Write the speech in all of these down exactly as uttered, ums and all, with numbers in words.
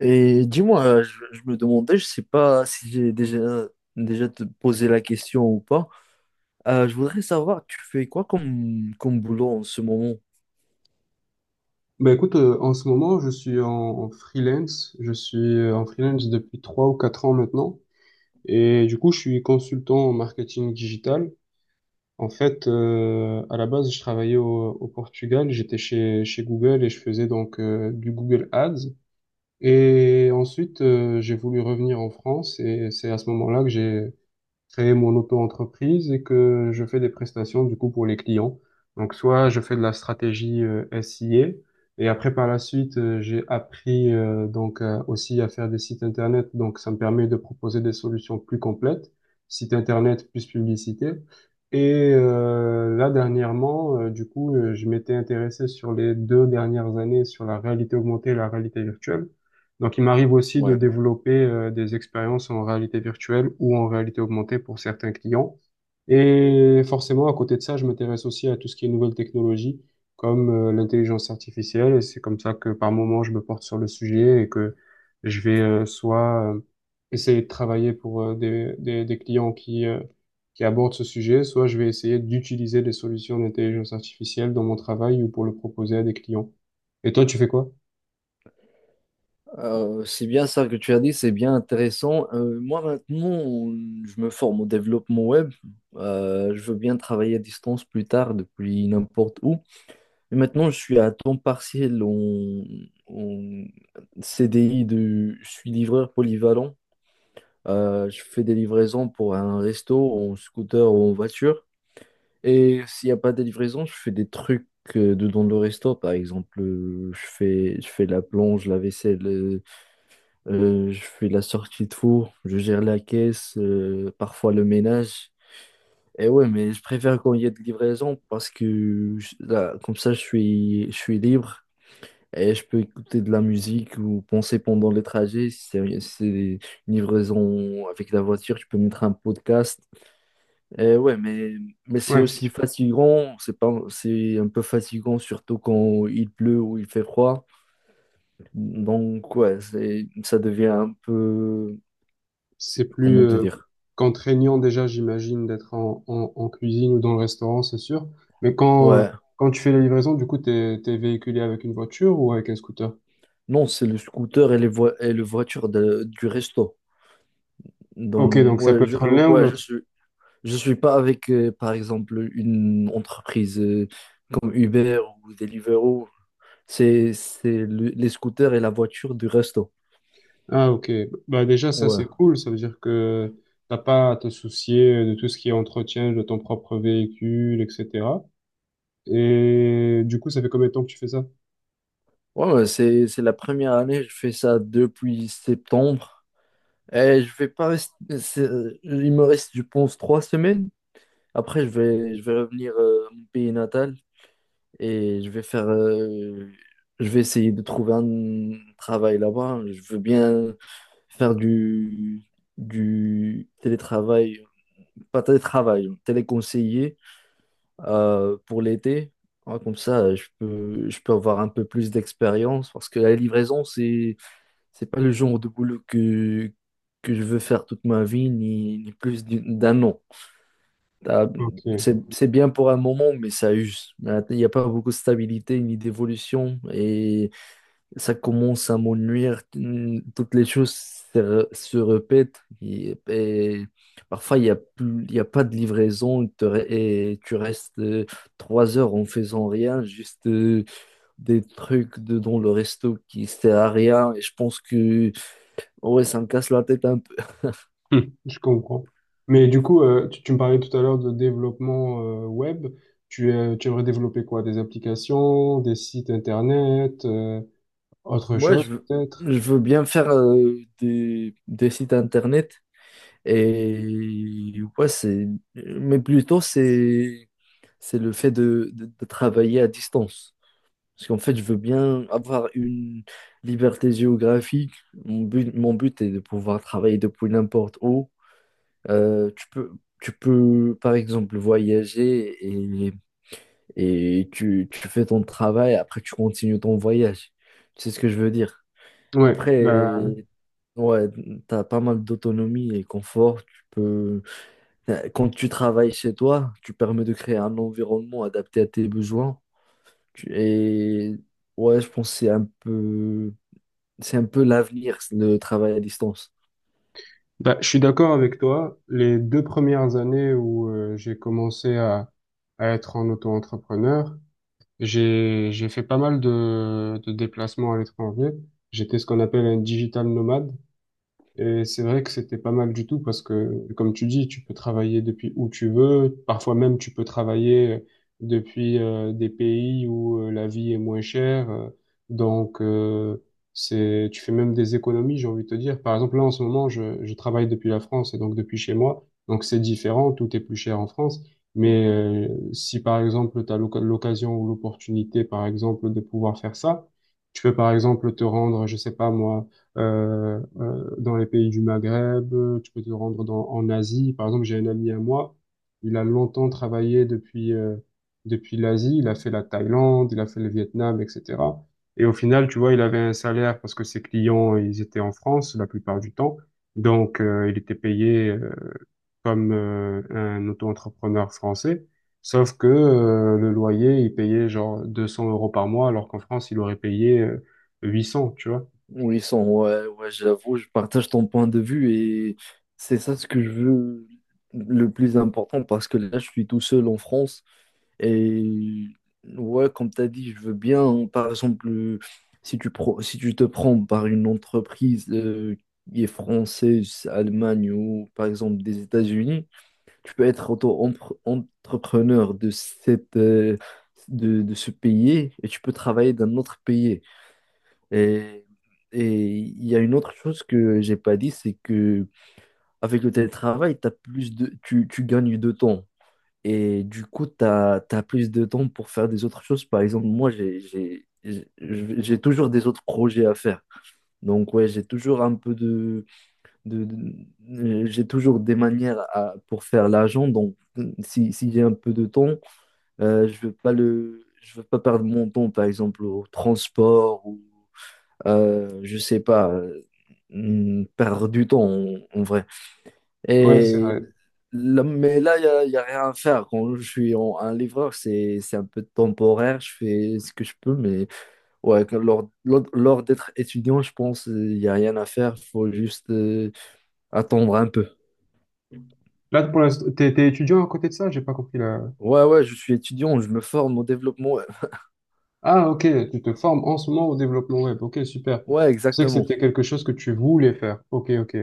Et dis-moi, euh, je, je me demandais, je sais pas si j'ai déjà, déjà te posé la question ou pas. Euh, je voudrais savoir, tu fais quoi comme, comme boulot en ce moment? Bah écoute, euh, en ce moment, je suis en, en freelance. Je suis euh, en freelance depuis trois ou quatre ans maintenant. Et du coup, je suis consultant en marketing digital. En fait, euh, à la base, je travaillais au, au Portugal. J'étais chez, chez Google et je faisais donc euh, du Google Ads. Et ensuite, euh, j'ai voulu revenir en France et c'est à ce moment-là que j'ai créer mon auto-entreprise et que je fais des prestations du coup pour les clients. Donc soit je fais de la stratégie euh, S I A et après par la suite euh, j'ai appris euh, donc euh, aussi à faire des sites internet donc ça me permet de proposer des solutions plus complètes, site internet plus publicité. Et euh, là dernièrement euh, du coup euh, je m'étais intéressé sur les deux dernières années sur la réalité augmentée et la réalité virtuelle. Donc, il m'arrive aussi de Ouais. développer euh, des expériences en réalité virtuelle ou en réalité augmentée pour certains clients. Et forcément, à côté de ça, je m'intéresse aussi à tout ce qui est nouvelles technologies, comme euh, l'intelligence artificielle. Et c'est comme ça que par moment, je me porte sur le sujet et que je vais euh, soit euh, essayer de travailler pour euh, des, des, des clients qui, euh, qui abordent ce sujet, soit je vais essayer d'utiliser des solutions d'intelligence artificielle dans mon travail ou pour le proposer à des clients. Et toi, tu fais quoi? Euh, c'est bien ça que tu as dit, c'est bien intéressant. Euh, moi maintenant, je me forme au développement web. Euh, je veux bien travailler à distance plus tard depuis n'importe où. Mais maintenant, je suis à temps partiel en, en C D I de, je suis livreur polyvalent. Euh, je fais des livraisons pour un resto, en scooter ou en voiture. Et s'il n'y a pas de livraison, je fais des trucs euh, dedans le resto. Par exemple, euh, je fais, je fais la plonge, la vaisselle, euh, euh, je fais la sortie de four, je gère la caisse, euh, parfois le ménage. Et ouais, mais je préfère quand il y a de livraison parce que je- là, comme ça, je suis, je suis libre. Et je peux écouter de la musique ou penser pendant les trajets. Si c'est si c'est une livraison avec la voiture, je peux mettre un podcast. Et ouais, mais, mais c'est Ouais. aussi fatigant. C'est pas, c'est un peu fatigant, surtout quand il pleut ou il fait froid. Donc, ouais, c'est, ça devient un peu. C'est plus Comment te euh, dire? contraignant déjà, j'imagine, d'être en, en, en cuisine ou dans le restaurant, c'est sûr. Mais quand, euh, Ouais. quand tu fais la livraison, du coup, t'es, t'es véhiculé avec une voiture ou avec un scooter? Non, c'est le scooter et les voi- et le voiture de- du resto. Ok, Donc, donc ça peut ouais, je, être l'un ou ouais, je l'autre. suis. Je suis pas avec, euh, par exemple, une entreprise. euh, comme Uber ou Deliveroo. C'est c'est le- les scooters et la voiture du resto. Ah, ok. Bah déjà, ça, Ouais. c'est cool. Ça veut dire que t'as pas à te soucier de tout ce qui est entretien de ton propre véhicule, et cetera. Et du coup, ça fait combien de temps que tu fais ça? Ouais, ouais, c'est c'est la première année, je fais ça depuis septembre. Et je vais pas rester. c'est- Il me reste, je pense, trois semaines. Après, je vais, je vais revenir euh, à mon pays natal, et je vais faire, euh, je vais essayer de trouver un travail là-bas. Je veux bien faire du, du télétravail, pas télétravail, téléconseiller euh, pour l'été. Ouais, comme ça, je peux, je peux avoir un peu plus d'expérience parce que la livraison, c'est, c'est pas le genre de boulot que, que je veux faire toute ma vie, ni, ni plus d'une- d'un an. T'as- Ok. C'est, c'est bien pour un moment, mais ça use. Il n'y a pas beaucoup de stabilité ni d'évolution. Et ça commence à m'ennuyer. Hum, Toutes les choses se, re- se répètent. Et, et parfois, il n'y a plus, il y a pas de livraison. Te re- et tu restes euh, trois heures en faisant rien, juste euh, des trucs de, dans le resto qui sert à rien. Et je pense que ouais, ça me casse la tête un peu. Hmm, je comprends. Mais du coup, euh, tu, tu me parlais tout à l'heure de développement euh, web. Tu, euh, tu aimerais développer quoi? Des applications, des sites internet, euh, autre Moi, je chose veux, peut-être? je veux bien faire euh, des, des sites internet. Et ouais, c'est, mais plutôt c'est, c'est le fait de, de- de travailler à distance. Parce qu'en fait, je veux bien avoir une liberté géographique. Mon but, mon but est de pouvoir travailler depuis n'importe où. Euh, tu peux, Tu peux, par exemple, voyager et, et tu, tu fais ton travail, après tu continues ton voyage. Tu sais ce que je veux dire? Ouais, bah, Après, ouais, t'as pas mal d'autonomie et confort. Tu peux euh, Quand tu travailles chez toi, tu permets de créer un environnement adapté à tes besoins. Tu- Et ouais, je pense que c'est un peu, c'est un peu l'avenir, le travail à distance. bah, je suis d'accord avec toi. Les deux premières années où euh, j'ai commencé à, à être en auto-entrepreneur, j'ai j'ai fait pas mal de, de déplacements à l'étranger. J'étais ce qu'on appelle un digital nomade. Et c'est vrai que c'était pas mal du tout parce que, comme tu dis, tu peux travailler depuis où tu veux. Parfois même, tu peux travailler euh, depuis euh, des pays où euh, la vie est moins chère. Euh, Donc, euh, c'est, tu fais même des économies, j'ai envie de te dire. Par exemple, là, en ce moment, je, je travaille depuis la France et donc depuis chez moi. Donc, c'est différent. Tout est plus cher en France. Mais euh, si, par exemple, tu as l'occasion ou l'opportunité, par exemple, de pouvoir faire ça, tu peux, par exemple, te rendre, je sais pas moi, euh, euh, dans les pays du Maghreb, euh, tu peux te rendre dans, en Asie. Par exemple, j'ai un ami à moi, il a longtemps travaillé depuis, euh, depuis l'Asie, il a fait la Thaïlande, il a fait le Vietnam, et cetera. Et au final, tu vois, il avait un salaire parce que ses clients, ils étaient en France la plupart du temps. Donc, euh, il était payé euh, comme euh, un auto-entrepreneur français. Sauf que euh, le loyer, il payait genre deux cents euros par mois, alors qu'en France, il aurait payé euh, huit cents, tu vois. Oui, son, ouais, ouais, j'avoue, je partage ton point de vue et c'est ça ce que je veux le plus important parce que là, je suis tout seul en France. Et ouais, comme tu as dit, je veux bien, hein, par exemple, euh, si tu, pro- si tu te prends par une entreprise euh, qui est française, Allemagne ou par exemple des États-Unis, tu peux être auto-entrepreneur de cette, euh, de, de ce pays et tu peux travailler d'un autre pays. Et, et il y a une autre chose que j'ai pas dit, c'est que avec le télétravail, t'as plus de, tu, tu gagnes de temps. Et du coup, tu as, plus de temps pour faire des autres choses. Par exemple, moi, j'ai, j'ai, j'ai j'ai toujours des autres projets à faire. Donc, ouais, j'ai toujours un peu de, de- de- euh, j'ai toujours des manières à- pour faire l'argent. Donc, si, si j'ai un peu de temps, euh, je veux pas le, je veux pas perdre mon temps, par exemple, au transport ou euh, je sais pas, euh, hmm, perdre du temps en, en vrai. Ouais, c'est Et là- mais là, il n'y a, y a rien à faire. Quand je suis en- un livreur, c'est, c'est un peu temporaire, je fais ce que je peux, mais ouais, quand- lors, lors, lors d'être étudiant, je pense il n'y a rien à faire, faut juste euh, attendre un peu. là, pour l'instant, t'es, t'es étudiant à côté de ça? J'ai pas compris là. Ouais, ouais, je suis étudiant, je me forme au développement. Ouais. Ah, ok, tu te formes en ce moment au développement web. Ok, super. Ouais, Je sais que exactement. c'était quelque chose que tu voulais faire. Ok, ok.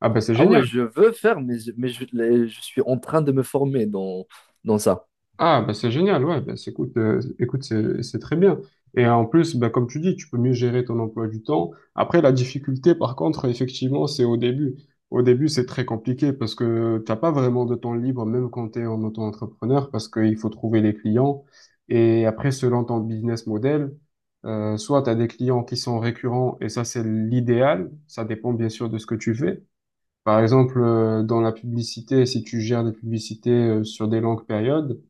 Ah, ben c'est Ah ouais, génial. je veux faire, mais, je- mais je, les- je suis en train de me former dans, dans ça. Ah, bah c'est génial, ouais, bah, c'est- écoute, euh, écoute, c'est c'est très bien. Et euh, en plus, bah, comme tu dis, tu peux mieux gérer ton emploi du temps. Après, la difficulté, par contre, effectivement, c'est au début. Au début, c'est très compliqué parce que t'as pas vraiment de temps libre, même quand tu es en auto-entrepreneur, parce qu'il faut trouver les clients. Et après, selon ton business model, euh, soit tu as des clients qui sont récurrents, et ça, c'est l'idéal. Ça dépend bien sûr de ce que tu fais. Par exemple, euh, dans la publicité, si tu gères des publicités euh, sur des longues périodes,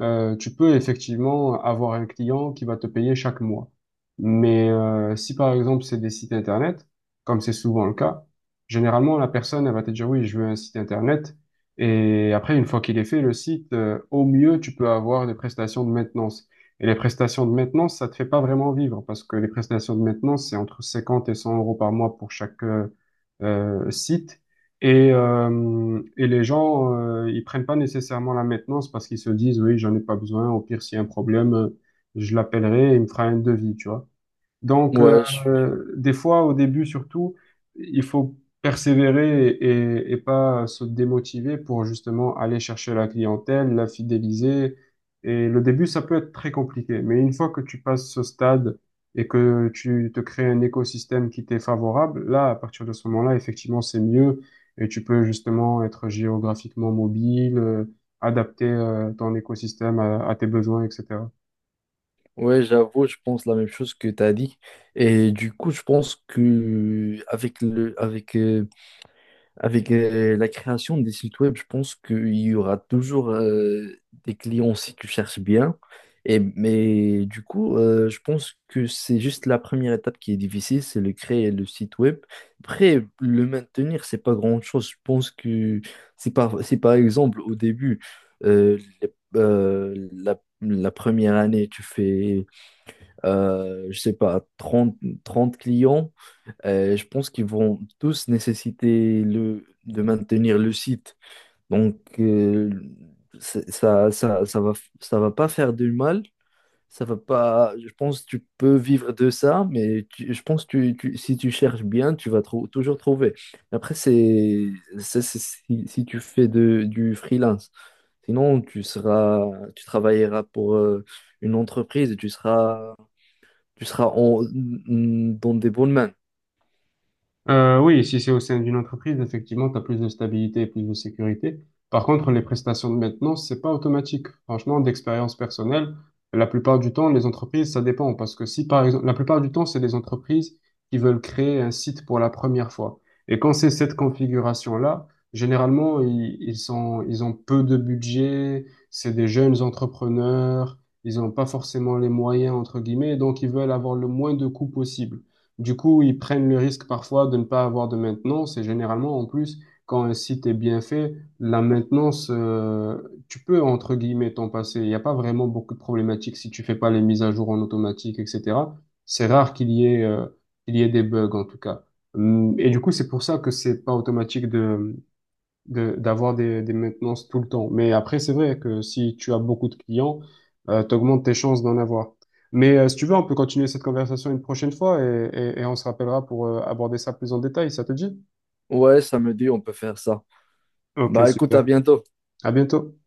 euh, tu peux effectivement avoir un client qui va te payer chaque mois. Mais euh, si par exemple c'est des sites internet, comme c'est souvent le cas, généralement la personne elle va te dire oui, je veux un site internet. Et après, une fois qu'il est fait, le site, euh, au mieux, tu peux avoir des prestations de maintenance. Et les prestations de maintenance, ça te fait pas vraiment vivre parce que les prestations de maintenance, c'est entre cinquante et cent euros par mois pour chaque euh, euh, site. Et, euh, et les gens, euh, ils prennent pas nécessairement la maintenance parce qu'ils se disent, oui, j'en ai pas besoin. Au pire, s'il y a un problème, euh, je l'appellerai et il me fera un devis, tu vois. Donc, Ouais, je. euh, des fois, au début surtout, il faut persévérer et, et pas se démotiver pour justement aller chercher la clientèle, la fidéliser. Et le début, ça peut être très compliqué. Mais une fois que tu passes ce stade et que tu te crées un écosystème qui t'est favorable, là, à partir de ce moment-là, effectivement, c'est mieux. Et tu peux justement être géographiquement mobile, euh, adapter euh, ton écosystème à, à tes besoins, et cetera. Ouais, j'avoue, je pense la même chose que tu as dit. Et du coup, je pense que avec le, avec, euh, avec euh, la création des sites web, je pense qu'il y aura toujours euh, des clients si tu cherches bien. Et, mais du coup, euh, je pense que c'est juste la première étape qui est difficile, c'est le créer le site web. Après, le maintenir, c'est pas grand-chose. Je pense que c'est par, c'est par exemple au début, euh, les- euh, la la première année, tu fais euh, je sais pas, trente 30 clients. Euh, je pense qu'ils vont tous nécessiter le, de maintenir le site. Donc, euh, c'est- ça, ça, ça va, ça va pas faire du mal. Ça va pas, je pense que tu peux vivre de ça, mais tu- je pense que tu- tu- si tu cherches bien, tu vas trou- toujours trouver. Après, c'est ça, c'est si, si tu fais de, du freelance. Sinon, tu seras, tu travailleras pour euh, une entreprise et tu seras tu seras en- dans des bonnes mains. Euh, oui, si c'est au sein d'une entreprise, effectivement, tu as plus de stabilité et plus de sécurité. Par contre, les prestations de maintenance, c'est pas automatique. Franchement, d'expérience personnelle, la plupart du temps, les entreprises, ça dépend. Parce que si, par exemple, la plupart du temps, c'est des entreprises qui veulent créer un site pour la première fois. Et quand c'est cette configuration-là, généralement, ils, ils sont, ils ont peu de budget, c'est des jeunes entrepreneurs, ils n'ont pas forcément les moyens, entre guillemets, donc ils veulent avoir le moins de coûts possible. Du coup, ils prennent le risque parfois de ne pas avoir de maintenance et généralement, en plus, quand un site est bien fait, la maintenance, euh, tu peux, entre guillemets, t'en passer. Il n'y a pas vraiment beaucoup de problématiques si tu fais pas les mises à jour en automatique, et cetera. C'est rare qu'il y ait, euh, qu'il y ait des bugs, en tout cas. Hum, Et du coup, c'est pour ça que c'est pas automatique de, de d'avoir des, des maintenances tout le temps. Mais après, c'est vrai que si tu as beaucoup de clients, euh, t'augmentes tes chances d'en avoir. Mais euh, si tu veux, on peut continuer cette conversation une prochaine fois et, et, et on se rappellera pour euh, aborder ça plus en détail. Ça te dit? Ouais, ça me dit, on peut faire ça. Ok, Bah écoute, à super. bientôt. À bientôt.